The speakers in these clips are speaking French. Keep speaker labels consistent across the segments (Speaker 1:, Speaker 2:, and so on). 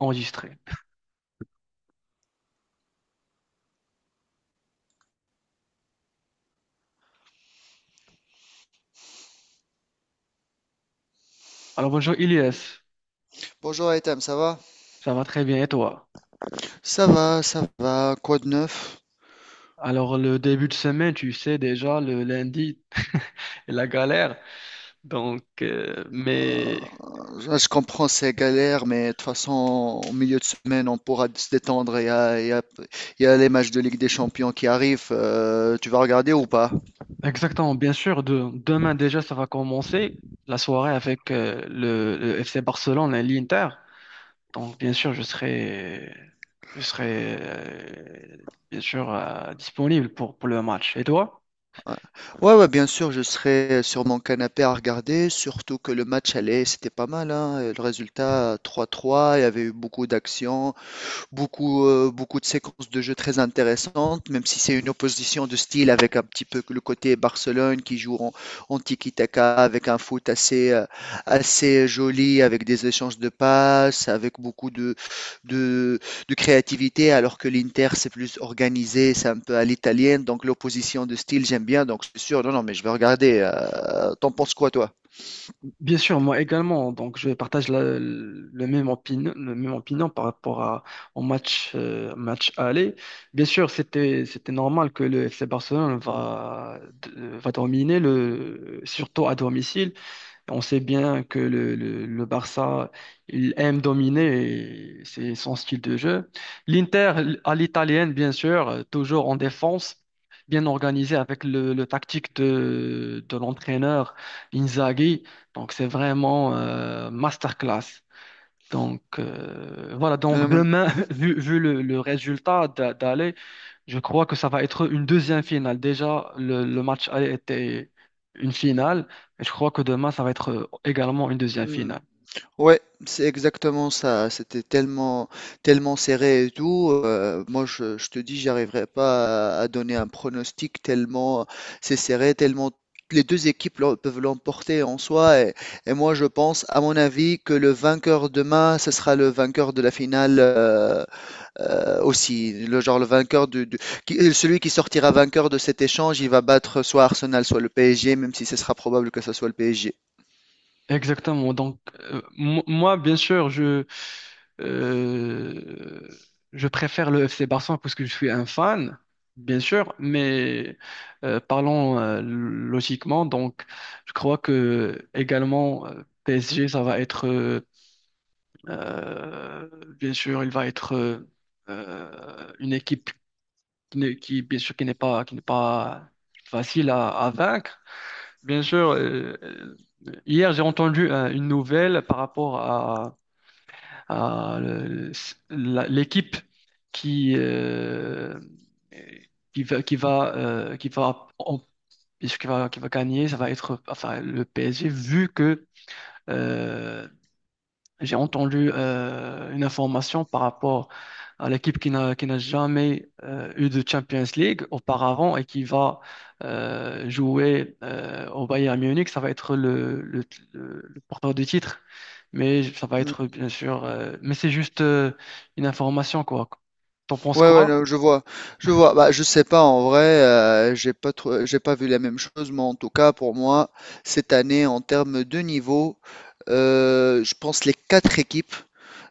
Speaker 1: Enregistré. Alors bonjour Ilyes,
Speaker 2: Bonjour Etam, ça va?
Speaker 1: ça va très bien et toi?
Speaker 2: Ça va, ça va, quoi de neuf?
Speaker 1: Alors le début de semaine, tu sais déjà, le lundi, la galère. Donc, euh, mais
Speaker 2: Je comprends ces galères, mais de toute façon, au milieu de semaine, on pourra se détendre. Il y a, il y a- il y a les matchs de Ligue des Champions qui arrivent. Tu vas regarder ou pas?
Speaker 1: exactement, bien sûr, demain déjà, ça va commencer la soirée avec le FC Barcelone et l'Inter. Donc bien sûr, je serai bien sûr disponible pour le match. Et toi?
Speaker 2: Ouais, ouais, bien sûr, je serai sur mon canapé à regarder, surtout que le match allait, c'était pas mal, hein. Le résultat 3-3, il y avait eu beaucoup d'actions. Beaucoup de séquences de jeu très intéressantes, même si c'est une opposition de style avec un petit peu le côté Barcelone qui joue en, en tiki-taka avec un foot assez joli, avec des échanges de passes, avec beaucoup de, de créativité, alors que l'Inter c'est plus organisé, c'est un peu à l'italienne, donc l'opposition de style j'aime bien, donc c'est sûr, non, non, mais je vais regarder. T'en penses quoi toi?
Speaker 1: Bien sûr, moi également. Donc, je partage le même opinion par rapport au match, match aller. Bien sûr, c'était normal que le FC Barcelone va dominer, le, surtout à domicile. On sait bien que le Barça, il aime dominer, et c'est son style de jeu. L'Inter, à l'italienne, bien sûr, toujours en défense, bien organisé avec le tactique de l'entraîneur Inzaghi. Donc, c'est vraiment masterclass. Donc, voilà. Donc, demain, vu le résultat d'aller, je crois que ça va être une deuxième finale. Déjà, le match aller était une finale. Et je crois que demain, ça va être également une deuxième
Speaker 2: Euh,
Speaker 1: finale.
Speaker 2: Ouais, c'est exactement ça. C'était tellement serré et tout. Moi, je te dis, j'arriverai pas à donner un pronostic tellement c'est serré, tellement les deux équipes peuvent l'emporter en soi. Et moi, je pense, à mon avis, que le vainqueur demain, ce sera le vainqueur de la finale aussi. Le genre le vainqueur qui- celui qui sortira vainqueur de cet échange, il va battre soit Arsenal, soit le PSG, même si ce sera probable que ce soit le PSG.
Speaker 1: Exactement. Donc, moi, bien sûr, euh, je préfère le FC Barcelone parce que je suis un fan, bien sûr, mais parlons logiquement. Donc, je crois que également PSG, ça va être, euh, bien sûr, il va être une équipe qui, bien sûr, qui n'est pas facile à vaincre. Bien sûr, hier j'ai entendu une nouvelle par rapport à l'équipe qui, euh, qui va, qui va, qui va, en- qui va gagner, ça va être enfin, le PSG, vu que euh, j'ai entendu une information par rapport à l'équipe qui n'a jamais eu de Champions League auparavant et qui va jouer au Bayern Munich. Ça va être le porteur du titre, mais ça va être bien sûr. Mais c'est juste une information quoi. T'en penses
Speaker 2: Ouais, ouais,
Speaker 1: quoi?
Speaker 2: non, je vois. Bah, je sais pas en vrai, j'ai pas vu la même chose, mais en tout cas pour moi cette année en termes de niveau, je pense les quatre équipes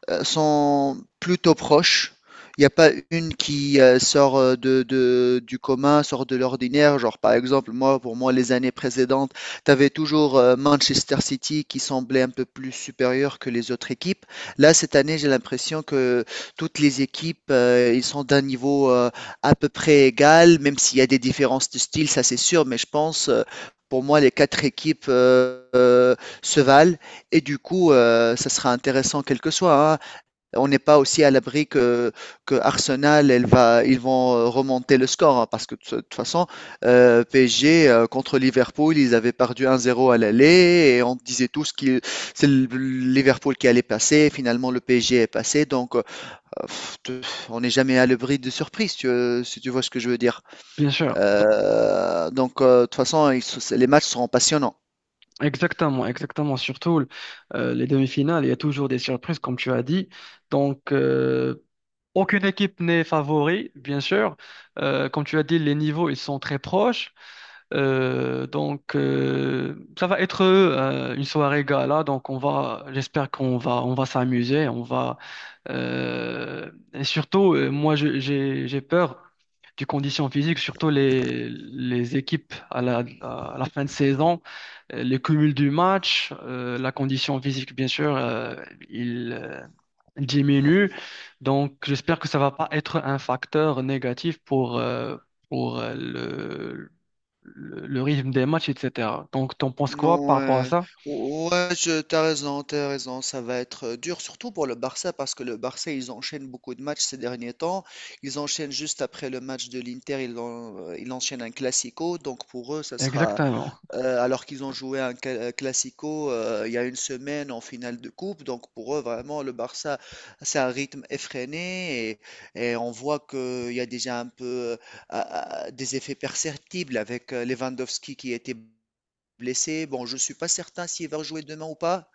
Speaker 2: sont plutôt proches. Il n'y a pas une qui sort de, du commun, sort de l'ordinaire. Genre, par exemple, moi, pour moi, les années précédentes, tu avais toujours Manchester City qui semblait un peu plus supérieur que les autres équipes. Là, cette année, j'ai l'impression que toutes les équipes, ils sont d'un niveau à peu près égal, même s'il y a des différences de style, ça c'est sûr, mais je pense, pour moi, les quatre équipes se valent. Et du coup, ça sera intéressant quel que soit, hein. On n'est pas aussi à l'abri que Arsenal, ils vont remonter le score, hein, parce que de toute façon, PSG contre Liverpool, ils avaient perdu 1-0 à l'aller, et on disait tous que c'est Liverpool qui allait passer, finalement le PSG est passé, donc on n'est jamais à l'abri de surprise, si tu vois ce que je veux dire.
Speaker 1: Bien sûr, Dans-
Speaker 2: De toute façon, ils les matchs seront passionnants.
Speaker 1: Exactement, exactement. Surtout les demi-finales, il y a toujours des surprises, comme tu as dit. Donc, aucune équipe n'est favori, bien sûr. Comme tu as dit, les niveaux, ils sont très proches. Donc, ça va être une soirée gala. Donc, j'espère qu'on on va s'amuser. Et surtout, moi, j'ai peur du condition physique, surtout les équipes à la fin de saison, le cumul du match, la condition physique, bien sûr, il, euh, diminue. Donc, j'espère que ça va pas être un facteur négatif pour le rythme des matchs, etc. Donc, t'en penses quoi
Speaker 2: Non,
Speaker 1: par rapport à
Speaker 2: ouais,
Speaker 1: ça?
Speaker 2: Ouais, t'as raison, ça va être dur, surtout pour le Barça, parce que le Barça, ils enchaînent beaucoup de matchs ces derniers temps. Ils enchaînent juste après le match de l'Inter, ils enchaînent un Classico, donc pour eux, ça sera,
Speaker 1: Exactement.
Speaker 2: alors qu'ils ont joué Classico il y a une semaine en finale de coupe, donc pour eux, vraiment, le Barça, c'est un rythme effréné, et on voit qu'il y a déjà un peu des effets perceptibles avec Lewandowski qui était blessé. Bon, je ne suis pas certain s'il va rejouer demain ou pas.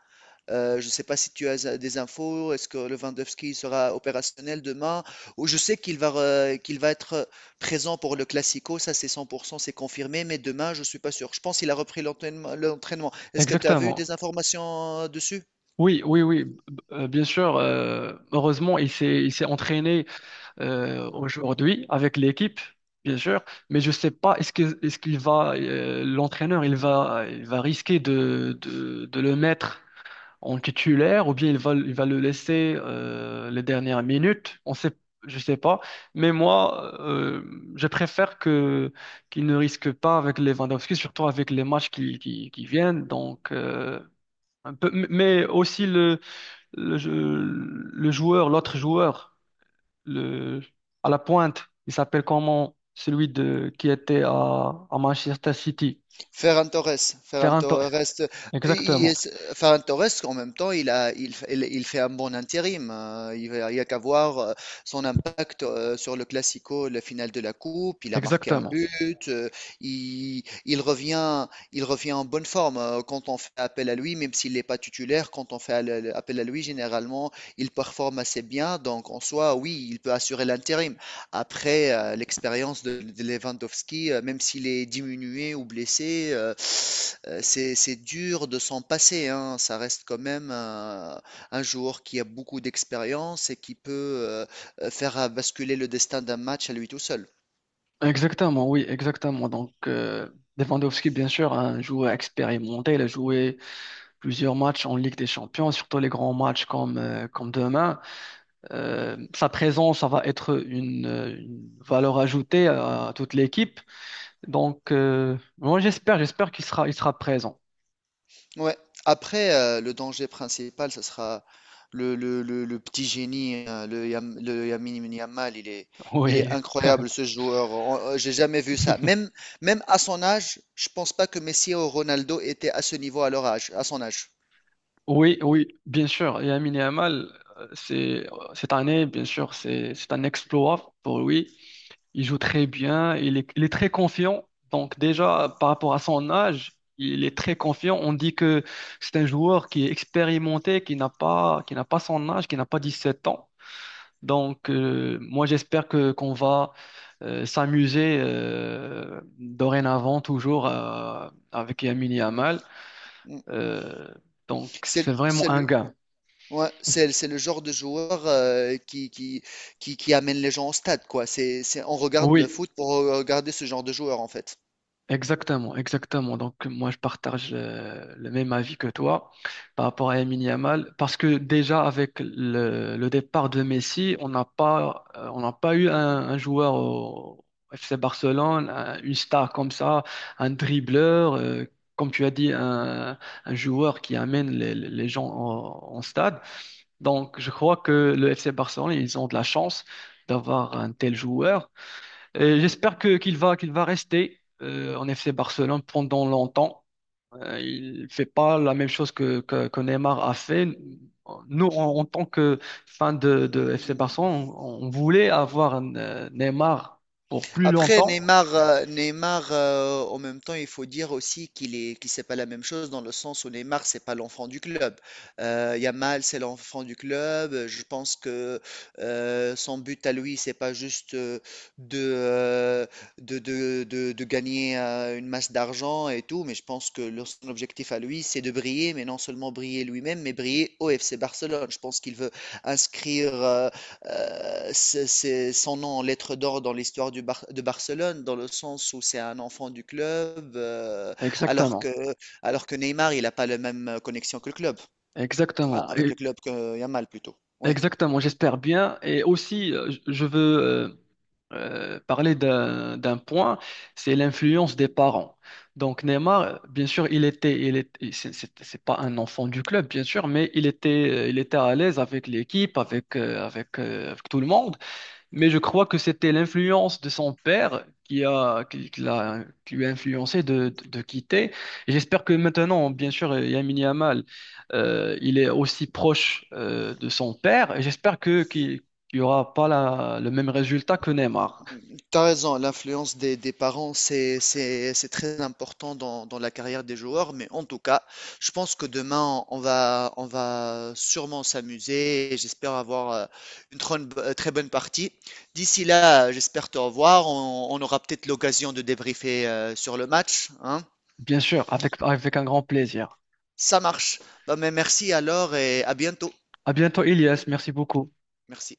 Speaker 2: Je ne sais pas si tu as des infos. Est-ce que Lewandowski sera opérationnel demain? Ou je sais qu'il va être présent pour le Classico. Ça, c'est 100%, c'est confirmé. Mais demain, je ne suis pas sûr. Je pense qu'il a repris l'entraînement. Est-ce que tu as vu
Speaker 1: Exactement.
Speaker 2: des informations dessus?
Speaker 1: Oui, oui, oui, b- Bien sûr. Heureusement, il s'est entraîné aujourd'hui avec l'équipe, bien sûr, mais je sais pas est-ce qu'il va l'entraîneur il va risquer de le mettre en titulaire ou bien il va le laisser les dernières minutes. On sait Je sais pas, mais moi je préfère que qu'il ne risque pas avec Lewandowski, surtout avec les matchs qui viennent donc un peu mais aussi le, le joueur l'autre joueur le, à la pointe, il s'appelle comment celui qui était à Manchester City. Faire
Speaker 2: Ferran
Speaker 1: un
Speaker 2: Torres, il
Speaker 1: Exactement.
Speaker 2: est- Ferran Torres, en même temps, il a, il, f- il fait un bon intérim. Il y a qu'à voir son impact sur le Classico, la finale de la Coupe. Il a marqué un
Speaker 1: Exactement.
Speaker 2: but. Il, il revient, il revient en bonne forme quand on fait appel à lui, même s'il n'est pas titulaire. Quand on fait appel à lui, généralement, il performe assez bien. Donc, en soi, oui, il peut assurer l'intérim. Après, l'expérience de Lewandowski, même s'il est diminué ou blessé, c'est dur de s'en passer, hein. Ça reste quand même un joueur qui a beaucoup d'expérience et qui peut euh, faire basculer le destin d'un match à lui tout seul.
Speaker 1: Exactement, oui, exactement. Donc, Lewandowski, bien sûr, un joueur expérimenté, il a joué plusieurs matchs en Ligue des Champions, surtout les grands matchs comme, comme demain. Sa présence, ça va être une valeur ajoutée à toute l'équipe. Donc, j'espère, j'espère qu'il sera, il sera présent.
Speaker 2: Ouais. Après, le danger principal, ce sera le petit génie, hein, le Lamine Yamal. Il est
Speaker 1: Oui.
Speaker 2: incroyable, ce joueur. J'ai jamais vu ça. Même à son âge, je pense pas que Messi ou Ronaldo étaient à ce niveau à leur âge, à son âge.
Speaker 1: Oui, oui, bien sûr. Et Lamine Yamal, c'est cette année, bien sûr, c'est un exploit pour lui. Il joue très bien, il est très confiant. Donc déjà, par rapport à son âge, il est très confiant. On dit que c'est un joueur qui est expérimenté, qui n'a pas son âge, qui n'a pas 17 ans. Donc moi, j'espère que qu'on va s'amuser dorénavant toujours avec Lamine Yamal.
Speaker 2: Mm.
Speaker 1: Euh, donc
Speaker 2: C'est, le-
Speaker 1: c'est vraiment
Speaker 2: c'est
Speaker 1: un
Speaker 2: le,
Speaker 1: gain.
Speaker 2: ouais, c'est le genre de joueur qui amène les gens au stade, quoi. On regarde le
Speaker 1: Oui,
Speaker 2: foot pour regarder ce genre de joueur, en fait.
Speaker 1: exactement, exactement. Donc moi je partage le même avis que toi par rapport à Lamine Yamal, parce que déjà avec le départ de Messi, on n'a pas eu un joueur au FC Barcelone, une star comme ça, un dribbleur, comme tu as dit, un joueur qui amène les gens en stade. Donc je crois que le FC Barcelone, ils ont de la chance d'avoir un tel joueur. Et j'espère que qu'il va rester en FC Barcelone pendant longtemps. Il fait pas la même chose que Neymar a fait. Nous, en tant que fans de FC
Speaker 2: Mm.
Speaker 1: Barcelone, on voulait avoir Neymar pour plus longtemps.
Speaker 2: Neymar en même temps, il faut dire aussi qu'il- c'est pas la même chose dans le sens où Neymar, c'est pas l'enfant du club. Yamal, c'est l'enfant du club. Je pense que son but à lui, c'est pas juste de, euh, de gagner une masse d'argent et tout, mais je pense que son objectif à lui, c'est de briller, mais non seulement briller lui-même, mais briller au FC Barcelone. Je pense qu'il veut inscrire. C'est son nom en lettres d'or dans l'histoire de Barcelone, dans le sens où c'est un enfant du club, alors que,
Speaker 1: Exactement,
Speaker 2: alors que Neymar, il n'a pas la même connexion que le club. Ah,
Speaker 1: exactement,
Speaker 2: avec le
Speaker 1: Et-
Speaker 2: club que Yamal plutôt. Oui.
Speaker 1: Exactement. J'espère bien. Et aussi, je veux euh, parler d'un point, c'est l'influence des parents. Donc Neymar, bien sûr, il était, il est, il- c'est pas un enfant du club, bien sûr, mais il était à l'aise avec l'équipe, avec, avec tout le monde. Mais je crois que c'était l'influence de son père qui l'a, qui lui a influencé de quitter. Et j'espère que maintenant, bien sûr, Lamine Yamal, il est aussi proche de son père. Et j'espère que qu'il y aura pas le même résultat que Neymar.
Speaker 2: T'as raison, l'influence des parents, c'est très important dans, dans la carrière des joueurs, mais en tout cas, je pense que demain, on va sûrement s'amuser et j'espère avoir très bonne partie. D'ici là, j'espère te revoir. On aura peut-être l'occasion de débriefer sur le match, hein.
Speaker 1: Bien sûr, avec, avec un grand plaisir.
Speaker 2: Ça marche. Bah, mais merci alors et à bientôt.
Speaker 1: À bientôt, Elias. Merci beaucoup.
Speaker 2: Merci.